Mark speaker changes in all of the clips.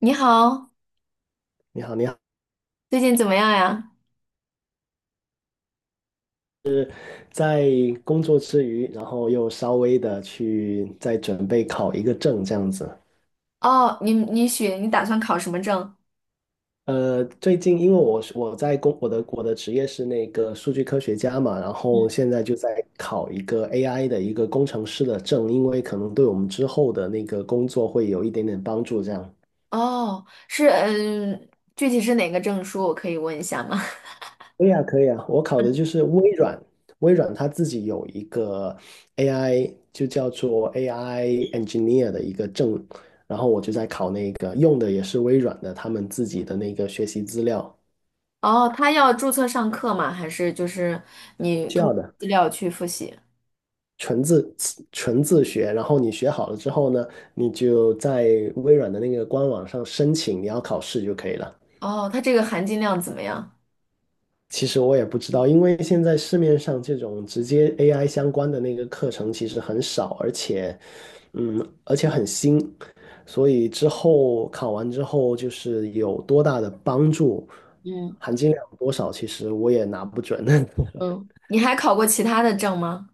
Speaker 1: 你好，
Speaker 2: 你好，你好，
Speaker 1: 最近怎么样呀？
Speaker 2: 在工作之余，然后又稍微的去再准备考一个证，这样子。
Speaker 1: 哦，你打算考什么证？
Speaker 2: 最近因为我是我在工我的我的职业是那个数据科学家嘛，然后现在就在考一个 AI 的一个工程师的证，因为可能对我们之后的那个工作会有一点点帮助，这样。
Speaker 1: 哦，是嗯，具体是哪个证书？我可以问一下吗？
Speaker 2: 可以啊，可以啊，我考的就是微软，微软它自己有一个 AI，就叫做 AI engineer 的一个证，然后我就在考那个，用的也是微软的他们自己的那个学习资料，
Speaker 1: 哦，他要注册上课吗？还是就是你
Speaker 2: 需
Speaker 1: 通
Speaker 2: 要
Speaker 1: 过
Speaker 2: 的，
Speaker 1: 资料去复习？
Speaker 2: 纯自纯自学，然后你学好了之后呢，你就在微软的那个官网上申请你要考试就可以了。
Speaker 1: 哦，他这个含金量怎么样？
Speaker 2: 其实我也不知道，因为现在市面上这种直接 AI 相关的那个课程其实很少，而且很新，所以之后考完之后就是有多大的帮助，
Speaker 1: 嗯
Speaker 2: 含金量有多少，其实我也拿不准。
Speaker 1: 嗯，你还考过其他的证吗？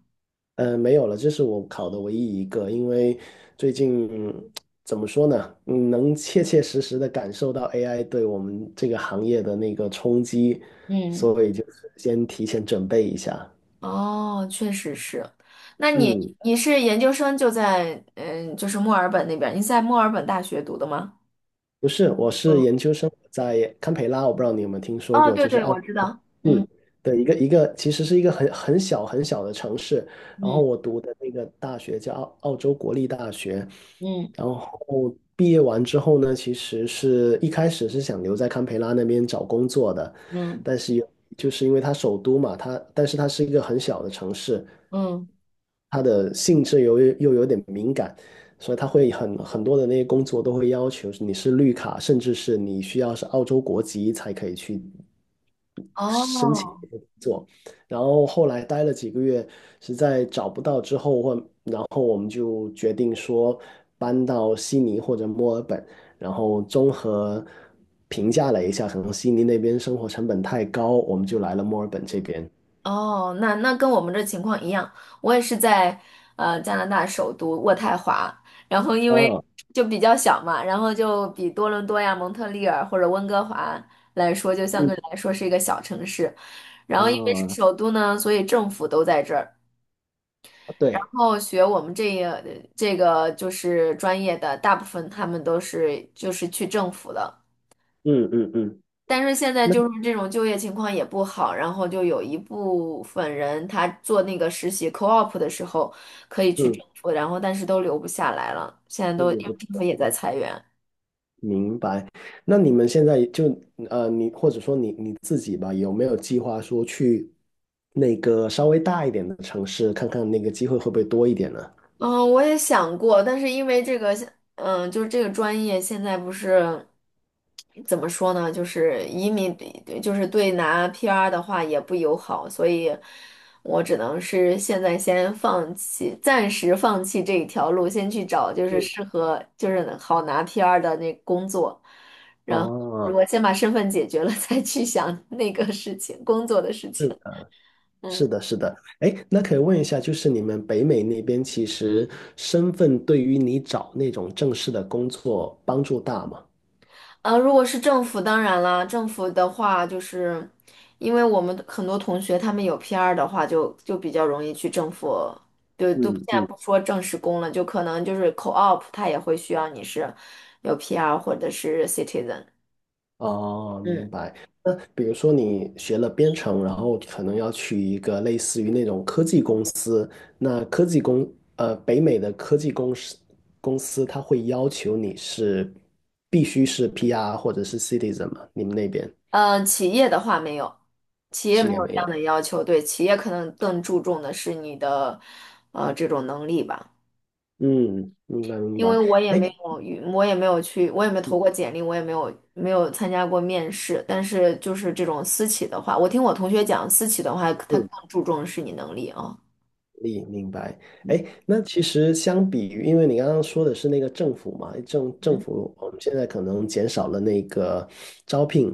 Speaker 2: 没有了，这是我考的唯一一个，因为最近怎么说呢，能切切实实的感受到 AI 对我们这个行业的那个冲击，
Speaker 1: 嗯，
Speaker 2: 所以就是先提前准备一下。
Speaker 1: 哦，确实是。那你
Speaker 2: 嗯，
Speaker 1: 你是研究生就在就是墨尔本那边儿你在墨尔本大学读的吗？
Speaker 2: 不是，我是
Speaker 1: 嗯，
Speaker 2: 研究生活在堪培拉，我不知道你有没有听说
Speaker 1: 哦，
Speaker 2: 过，
Speaker 1: 对
Speaker 2: 就是
Speaker 1: 对，
Speaker 2: 澳
Speaker 1: 我知
Speaker 2: 洲，
Speaker 1: 道。嗯。
Speaker 2: 嗯，的一个，其实是一个很小很小的城市。然后
Speaker 1: 嗯
Speaker 2: 我读的那个大学叫澳洲国立大学，
Speaker 1: 嗯
Speaker 2: 然后毕业完之后呢，其实是一开始是想留在堪培拉那边找工作的，
Speaker 1: 嗯
Speaker 2: 但是就是因为它首都嘛，但是它是一个很小的城市，
Speaker 1: 嗯，
Speaker 2: 它的性质又有点敏感。所以他会很多的那些工作都会要求你是绿卡，甚至是你需要是澳洲国籍才可以去申请
Speaker 1: 哦
Speaker 2: 这个工作。然后后来待了几个月，实在找不到之后，然后我们就决定说搬到悉尼或者墨尔本，然后综合评价了一下，可能悉尼那边生活成本太高，我们就来了墨尔本这边。
Speaker 1: 哦，那那跟我们这情况一样，我也是在加拿大首都渥太华，然后因为
Speaker 2: 啊，
Speaker 1: 就比较小嘛，然后就比多伦多呀、蒙特利尔或者温哥华来说，就相
Speaker 2: 嗯，
Speaker 1: 对来说是一个小城市。然后因为是首都呢，所以政府都在这儿。
Speaker 2: 啊，
Speaker 1: 然
Speaker 2: 对，
Speaker 1: 后学我们这个就是专业的，大部分他们都是就是去政府的。
Speaker 2: 嗯嗯嗯，
Speaker 1: 但是现在
Speaker 2: 那
Speaker 1: 就是这种就业情况也不好，然后就有一部分人他做那个实习 co-op 的时候可以去
Speaker 2: 嗯，
Speaker 1: 政府，然后但是都留不下来了，现在
Speaker 2: 那
Speaker 1: 都
Speaker 2: 也
Speaker 1: 因为
Speaker 2: 不
Speaker 1: 政府也在裁员。
Speaker 2: 明白。那你们现在就你或者说你自己吧，有没有计划说去那个稍微大一点的城市，看看那个机会会不会多一点呢？
Speaker 1: 嗯，我也想过，但是因为这个现，嗯，就是这个专业现在不是怎么说呢，就是移民，对就是对拿 PR 的话也不友好，所以我只能是现在先放弃，暂时放弃这一条路，先去找就是
Speaker 2: 嗯，
Speaker 1: 适合，就是好拿 PR 的那工作，然后如
Speaker 2: 哦，
Speaker 1: 果先把身份解决了，再去想那个事情，工作的事情。
Speaker 2: 是
Speaker 1: 嗯。
Speaker 2: 的，是的。哎，那可以问一下，就是你们北美那边其实身份对于你找那种正式的工作帮助大吗？
Speaker 1: 呃，如果是政府，当然啦，政府的话，就是因为我们很多同学他们有 PR 的话就，就比较容易去政府，就都现
Speaker 2: 嗯
Speaker 1: 在
Speaker 2: 嗯。
Speaker 1: 不说正式工了，就可能就是 co-op，它也会需要你是有 PR 或者是 citizen。
Speaker 2: 哦，
Speaker 1: 嗯，
Speaker 2: 明白。那比如说你学了编程，然后可能要去一个类似于那种科技公司，那科技公，呃，北美的科技公司，它会要求你是必须是 PR 或者是 citizen 吗？你们那边
Speaker 1: 呃，企业的话没有，企业
Speaker 2: 企
Speaker 1: 没
Speaker 2: 业
Speaker 1: 有
Speaker 2: 没
Speaker 1: 这样的
Speaker 2: 有？
Speaker 1: 要求，对，企业可能更注重的是你的这种能力吧。
Speaker 2: 嗯，明白明
Speaker 1: 因为
Speaker 2: 白。哎，
Speaker 1: 我也没有去，我也没投过简历，我也没有参加过面试。但是就是这种私企的话，我听我同学讲，私企的话，他
Speaker 2: 嗯，
Speaker 1: 更注重是你能力啊。
Speaker 2: 你明白。哎，那其实相比于，因为你刚刚说的是那个政府嘛，政政
Speaker 1: 嗯，
Speaker 2: 府我们现在可能减少了那个招聘，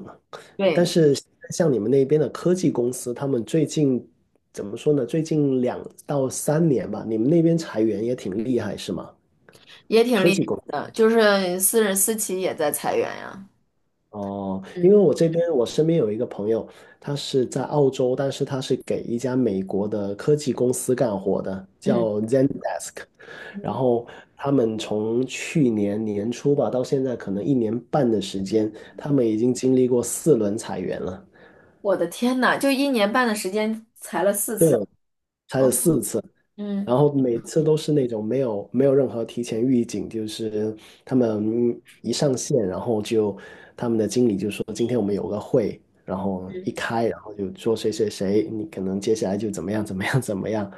Speaker 2: 但
Speaker 1: 对，
Speaker 2: 是像你们那边的科技公司，他们最近怎么说呢？最近2到3年吧，你们那边裁员也挺厉害，是吗？
Speaker 1: 也挺厉害的，就是私企也在裁员呀。
Speaker 2: 哦，因为
Speaker 1: 嗯
Speaker 2: 我身边有一个朋友，他是在澳洲，但是他是给一家美国的科技公司干活的，
Speaker 1: 嗯
Speaker 2: 叫 Zendesk。然
Speaker 1: 嗯，
Speaker 2: 后他们从去年年初吧到现在，可能1年半的时间，他们已经经历过4轮裁员了，
Speaker 1: 我的天呐，就一年半的时间裁了四
Speaker 2: 对，
Speaker 1: 次。
Speaker 2: 裁了
Speaker 1: 嗯
Speaker 2: 4次。然
Speaker 1: 嗯
Speaker 2: 后每次都是那种没有任何提前预警，就是他们一上线，然后他们的经理就说今天我们有个会，然后一
Speaker 1: 嗯，
Speaker 2: 开，然后就说谁谁谁，你可能接下来就怎么样怎么样怎么样，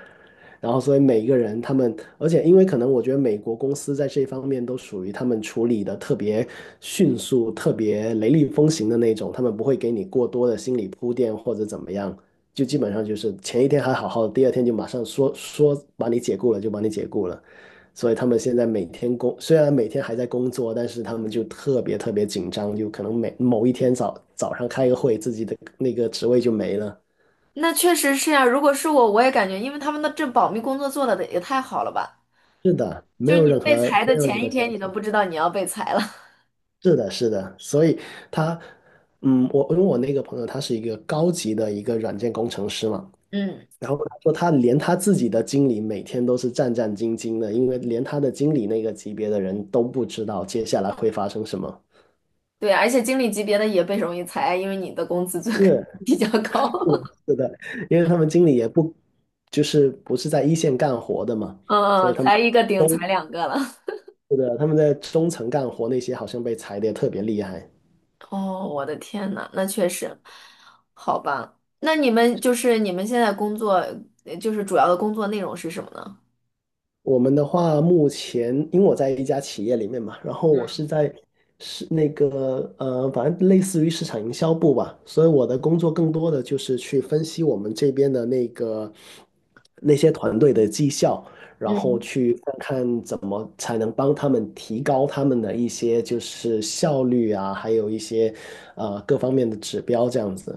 Speaker 2: 然后，所以每一个人他们，而且因为可能我觉得美国公司在这方面都属于他们处理的特别迅速、特别雷厉风行的那种，他们不会给你过多的心理铺垫或者怎么样，就基本上就是前一天还好好的，第二天就马上说把你解雇了就把你解雇了。所以他们现在每天工，虽然每天还在工作，但是他们就特别特别紧张，就可能某一天早上开个会，自己的那个职位就没了。
Speaker 1: 那确实是呀、如果是我，我也感觉，因为他们的这保密工作做的也太好了吧。
Speaker 2: 是的，没
Speaker 1: 就是
Speaker 2: 有
Speaker 1: 你
Speaker 2: 任
Speaker 1: 被
Speaker 2: 何
Speaker 1: 裁
Speaker 2: 没
Speaker 1: 的
Speaker 2: 有任
Speaker 1: 前一
Speaker 2: 何消
Speaker 1: 天，你都
Speaker 2: 息。
Speaker 1: 不知道你要被裁了。
Speaker 2: 是的，是的，所以他，我因为我那个朋友他是一个高级的一个软件工程师嘛，
Speaker 1: 嗯，
Speaker 2: 然后他说他连他自己的经理每天都是战战兢兢的，因为连他的经理那个级别的人都不知道接下来会发生什么。
Speaker 1: 对，而且经理级别的也被容易裁，因为你的工资就
Speaker 2: 是
Speaker 1: 比较高。
Speaker 2: 是的，是的，因为他们经理也不就是不是在一线干活的嘛，所
Speaker 1: 嗯
Speaker 2: 以
Speaker 1: 嗯，
Speaker 2: 他们
Speaker 1: 裁一个顶
Speaker 2: 中
Speaker 1: 裁两个了。
Speaker 2: 是的，他们在中层干活那些好像被裁的也特别厉害。
Speaker 1: 哦，我的天呐，那确实，好吧。那你们就是你们现在工作，就是主要的工作内容是什么呢？
Speaker 2: 我们的话，目前因为我在一家企业里面嘛，然后我是在是那个，反正类似于市场营销部吧，所以我的工作更多的就是去分析我们这边的那些团队的绩效，然后
Speaker 1: 嗯，
Speaker 2: 去看看怎么才能帮他们提高他们的一些就是效率啊，还有一些各方面的指标这样子。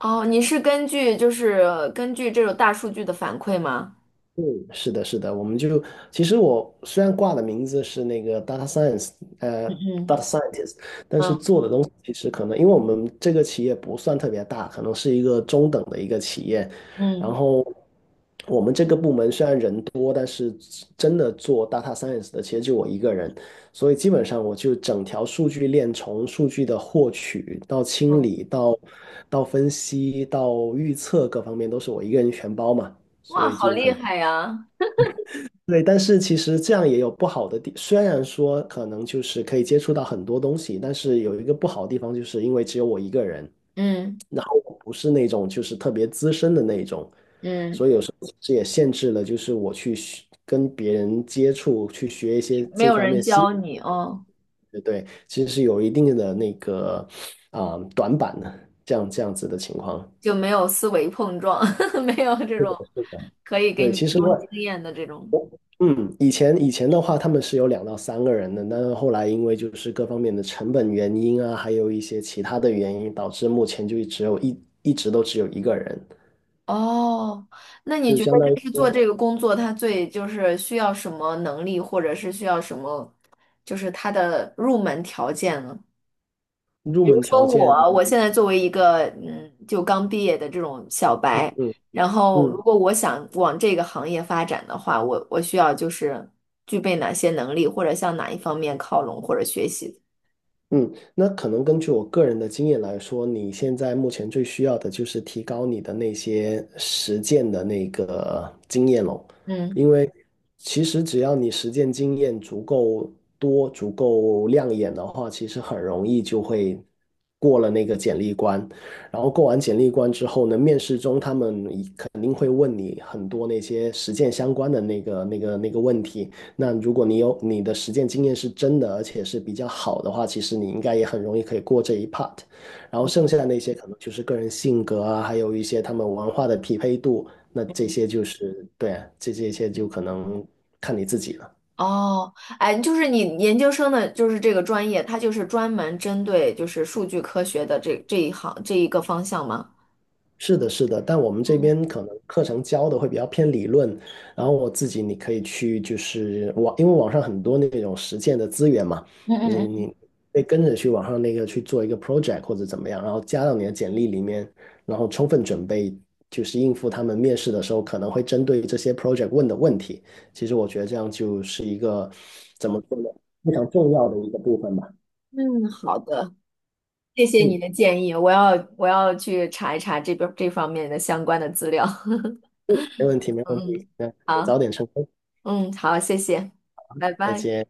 Speaker 1: 哦，你是根据就是根据这种大数据的反馈吗？
Speaker 2: 嗯是的，是的，我们就其实我虽然挂的名字是那个 data science，呃
Speaker 1: 嗯
Speaker 2: ，data scientist，但是
Speaker 1: 嗯
Speaker 2: 做的东西其实可能，因为我们这个企业不算特别大，可能是一个中等的一个企业，然
Speaker 1: 嗯，
Speaker 2: 后我们这个部门虽然人多，但是真的做 data science 的其实就我一个人，所以基本上我就整条数据链从数据的获取到清
Speaker 1: 嗯
Speaker 2: 理到分析到预测各方面都是我一个人全包嘛，所
Speaker 1: 哇，
Speaker 2: 以
Speaker 1: 好
Speaker 2: 就可
Speaker 1: 厉
Speaker 2: 能。
Speaker 1: 害呀！
Speaker 2: 对，但是其实这样也有不好的地，虽然说可能就是可以接触到很多东西，但是有一个不好的地方，就是因为只有我一个人，
Speaker 1: 嗯
Speaker 2: 然后我不是那种就是特别资深的那种，所
Speaker 1: 嗯，
Speaker 2: 以有时候其实也限制了，就是我去学跟别人接触，去学一些
Speaker 1: 没
Speaker 2: 这
Speaker 1: 有
Speaker 2: 方
Speaker 1: 人
Speaker 2: 面新，
Speaker 1: 教你哦，
Speaker 2: 对对，其实是有一定的那个啊、短板的，这样子的情况。
Speaker 1: 就没有思维碰撞，没有这种。可以给
Speaker 2: 对，
Speaker 1: 你
Speaker 2: 其
Speaker 1: 提
Speaker 2: 实
Speaker 1: 供
Speaker 2: 我
Speaker 1: 经验的这种。
Speaker 2: 嗯，以前的话，他们是有2到3个人的，但是后来因为就是各方面的成本原因啊，还有一些其他的原因，导致目前就只有一直都只有一个人，
Speaker 1: 哦，那你
Speaker 2: 就
Speaker 1: 觉
Speaker 2: 相
Speaker 1: 得
Speaker 2: 当于
Speaker 1: 就是做
Speaker 2: 说
Speaker 1: 这个工作，它最就是需要什么能力，或者是需要什么，就是它的入门条件呢？
Speaker 2: 入
Speaker 1: 比如
Speaker 2: 门
Speaker 1: 说
Speaker 2: 条件，
Speaker 1: 我，我现在作为一个嗯，就刚毕业的这种小
Speaker 2: 嗯
Speaker 1: 白，然后如
Speaker 2: 嗯，
Speaker 1: 果我想往这个行业发展的话，我需要就是具备哪些能力，或者向哪一方面靠拢或者学习？
Speaker 2: 嗯，那可能根据我个人的经验来说，你现在目前最需要的就是提高你的那些实践的那个经验咯，
Speaker 1: 嗯。
Speaker 2: 因为其实只要你实践经验足够多、足够亮眼的话，其实很容易就会过了那个简历关。然后过完简历关之后呢，面试中他们一肯定会问你很多那些实践相关的那个问题。那如果你有你的实践经验是真的，而且是比较好的话，其实你应该也很容易可以过这一 part。然后剩下的那些可能就是个人性格啊，还有一些他们文化的匹配度，那这些就是对啊，这些就可能看你自己了。
Speaker 1: 哦，哎，就是你研究生的，就是这个专业，它就是专门针对就是数据科学的这一行这一个方向吗？
Speaker 2: 是的，是的，但我们这边可能课程教的会比较偏理论，然后我自己你可以去就是网，因为网上很多那种实践的资源嘛，
Speaker 1: 嗯
Speaker 2: 你
Speaker 1: 嗯
Speaker 2: 你
Speaker 1: 嗯。
Speaker 2: 可以跟着去网上那个去做一个 project 或者怎么样，然后加到你的简历里面，然后充分准备，就是应付他们面试的时候可能会针对这些 project 问的问题。其实我觉得这样就是一个怎么说呢，非常重要的一个部分吧。
Speaker 1: 嗯，好的，谢谢你
Speaker 2: 嗯，
Speaker 1: 的建议，我要去查一查这边这方面的相关的资料。
Speaker 2: 没问题，没问
Speaker 1: 嗯
Speaker 2: 题，
Speaker 1: 嗯，
Speaker 2: 那你
Speaker 1: 好，
Speaker 2: 早点成功，
Speaker 1: 嗯，好，谢谢，拜
Speaker 2: 再
Speaker 1: 拜。
Speaker 2: 见。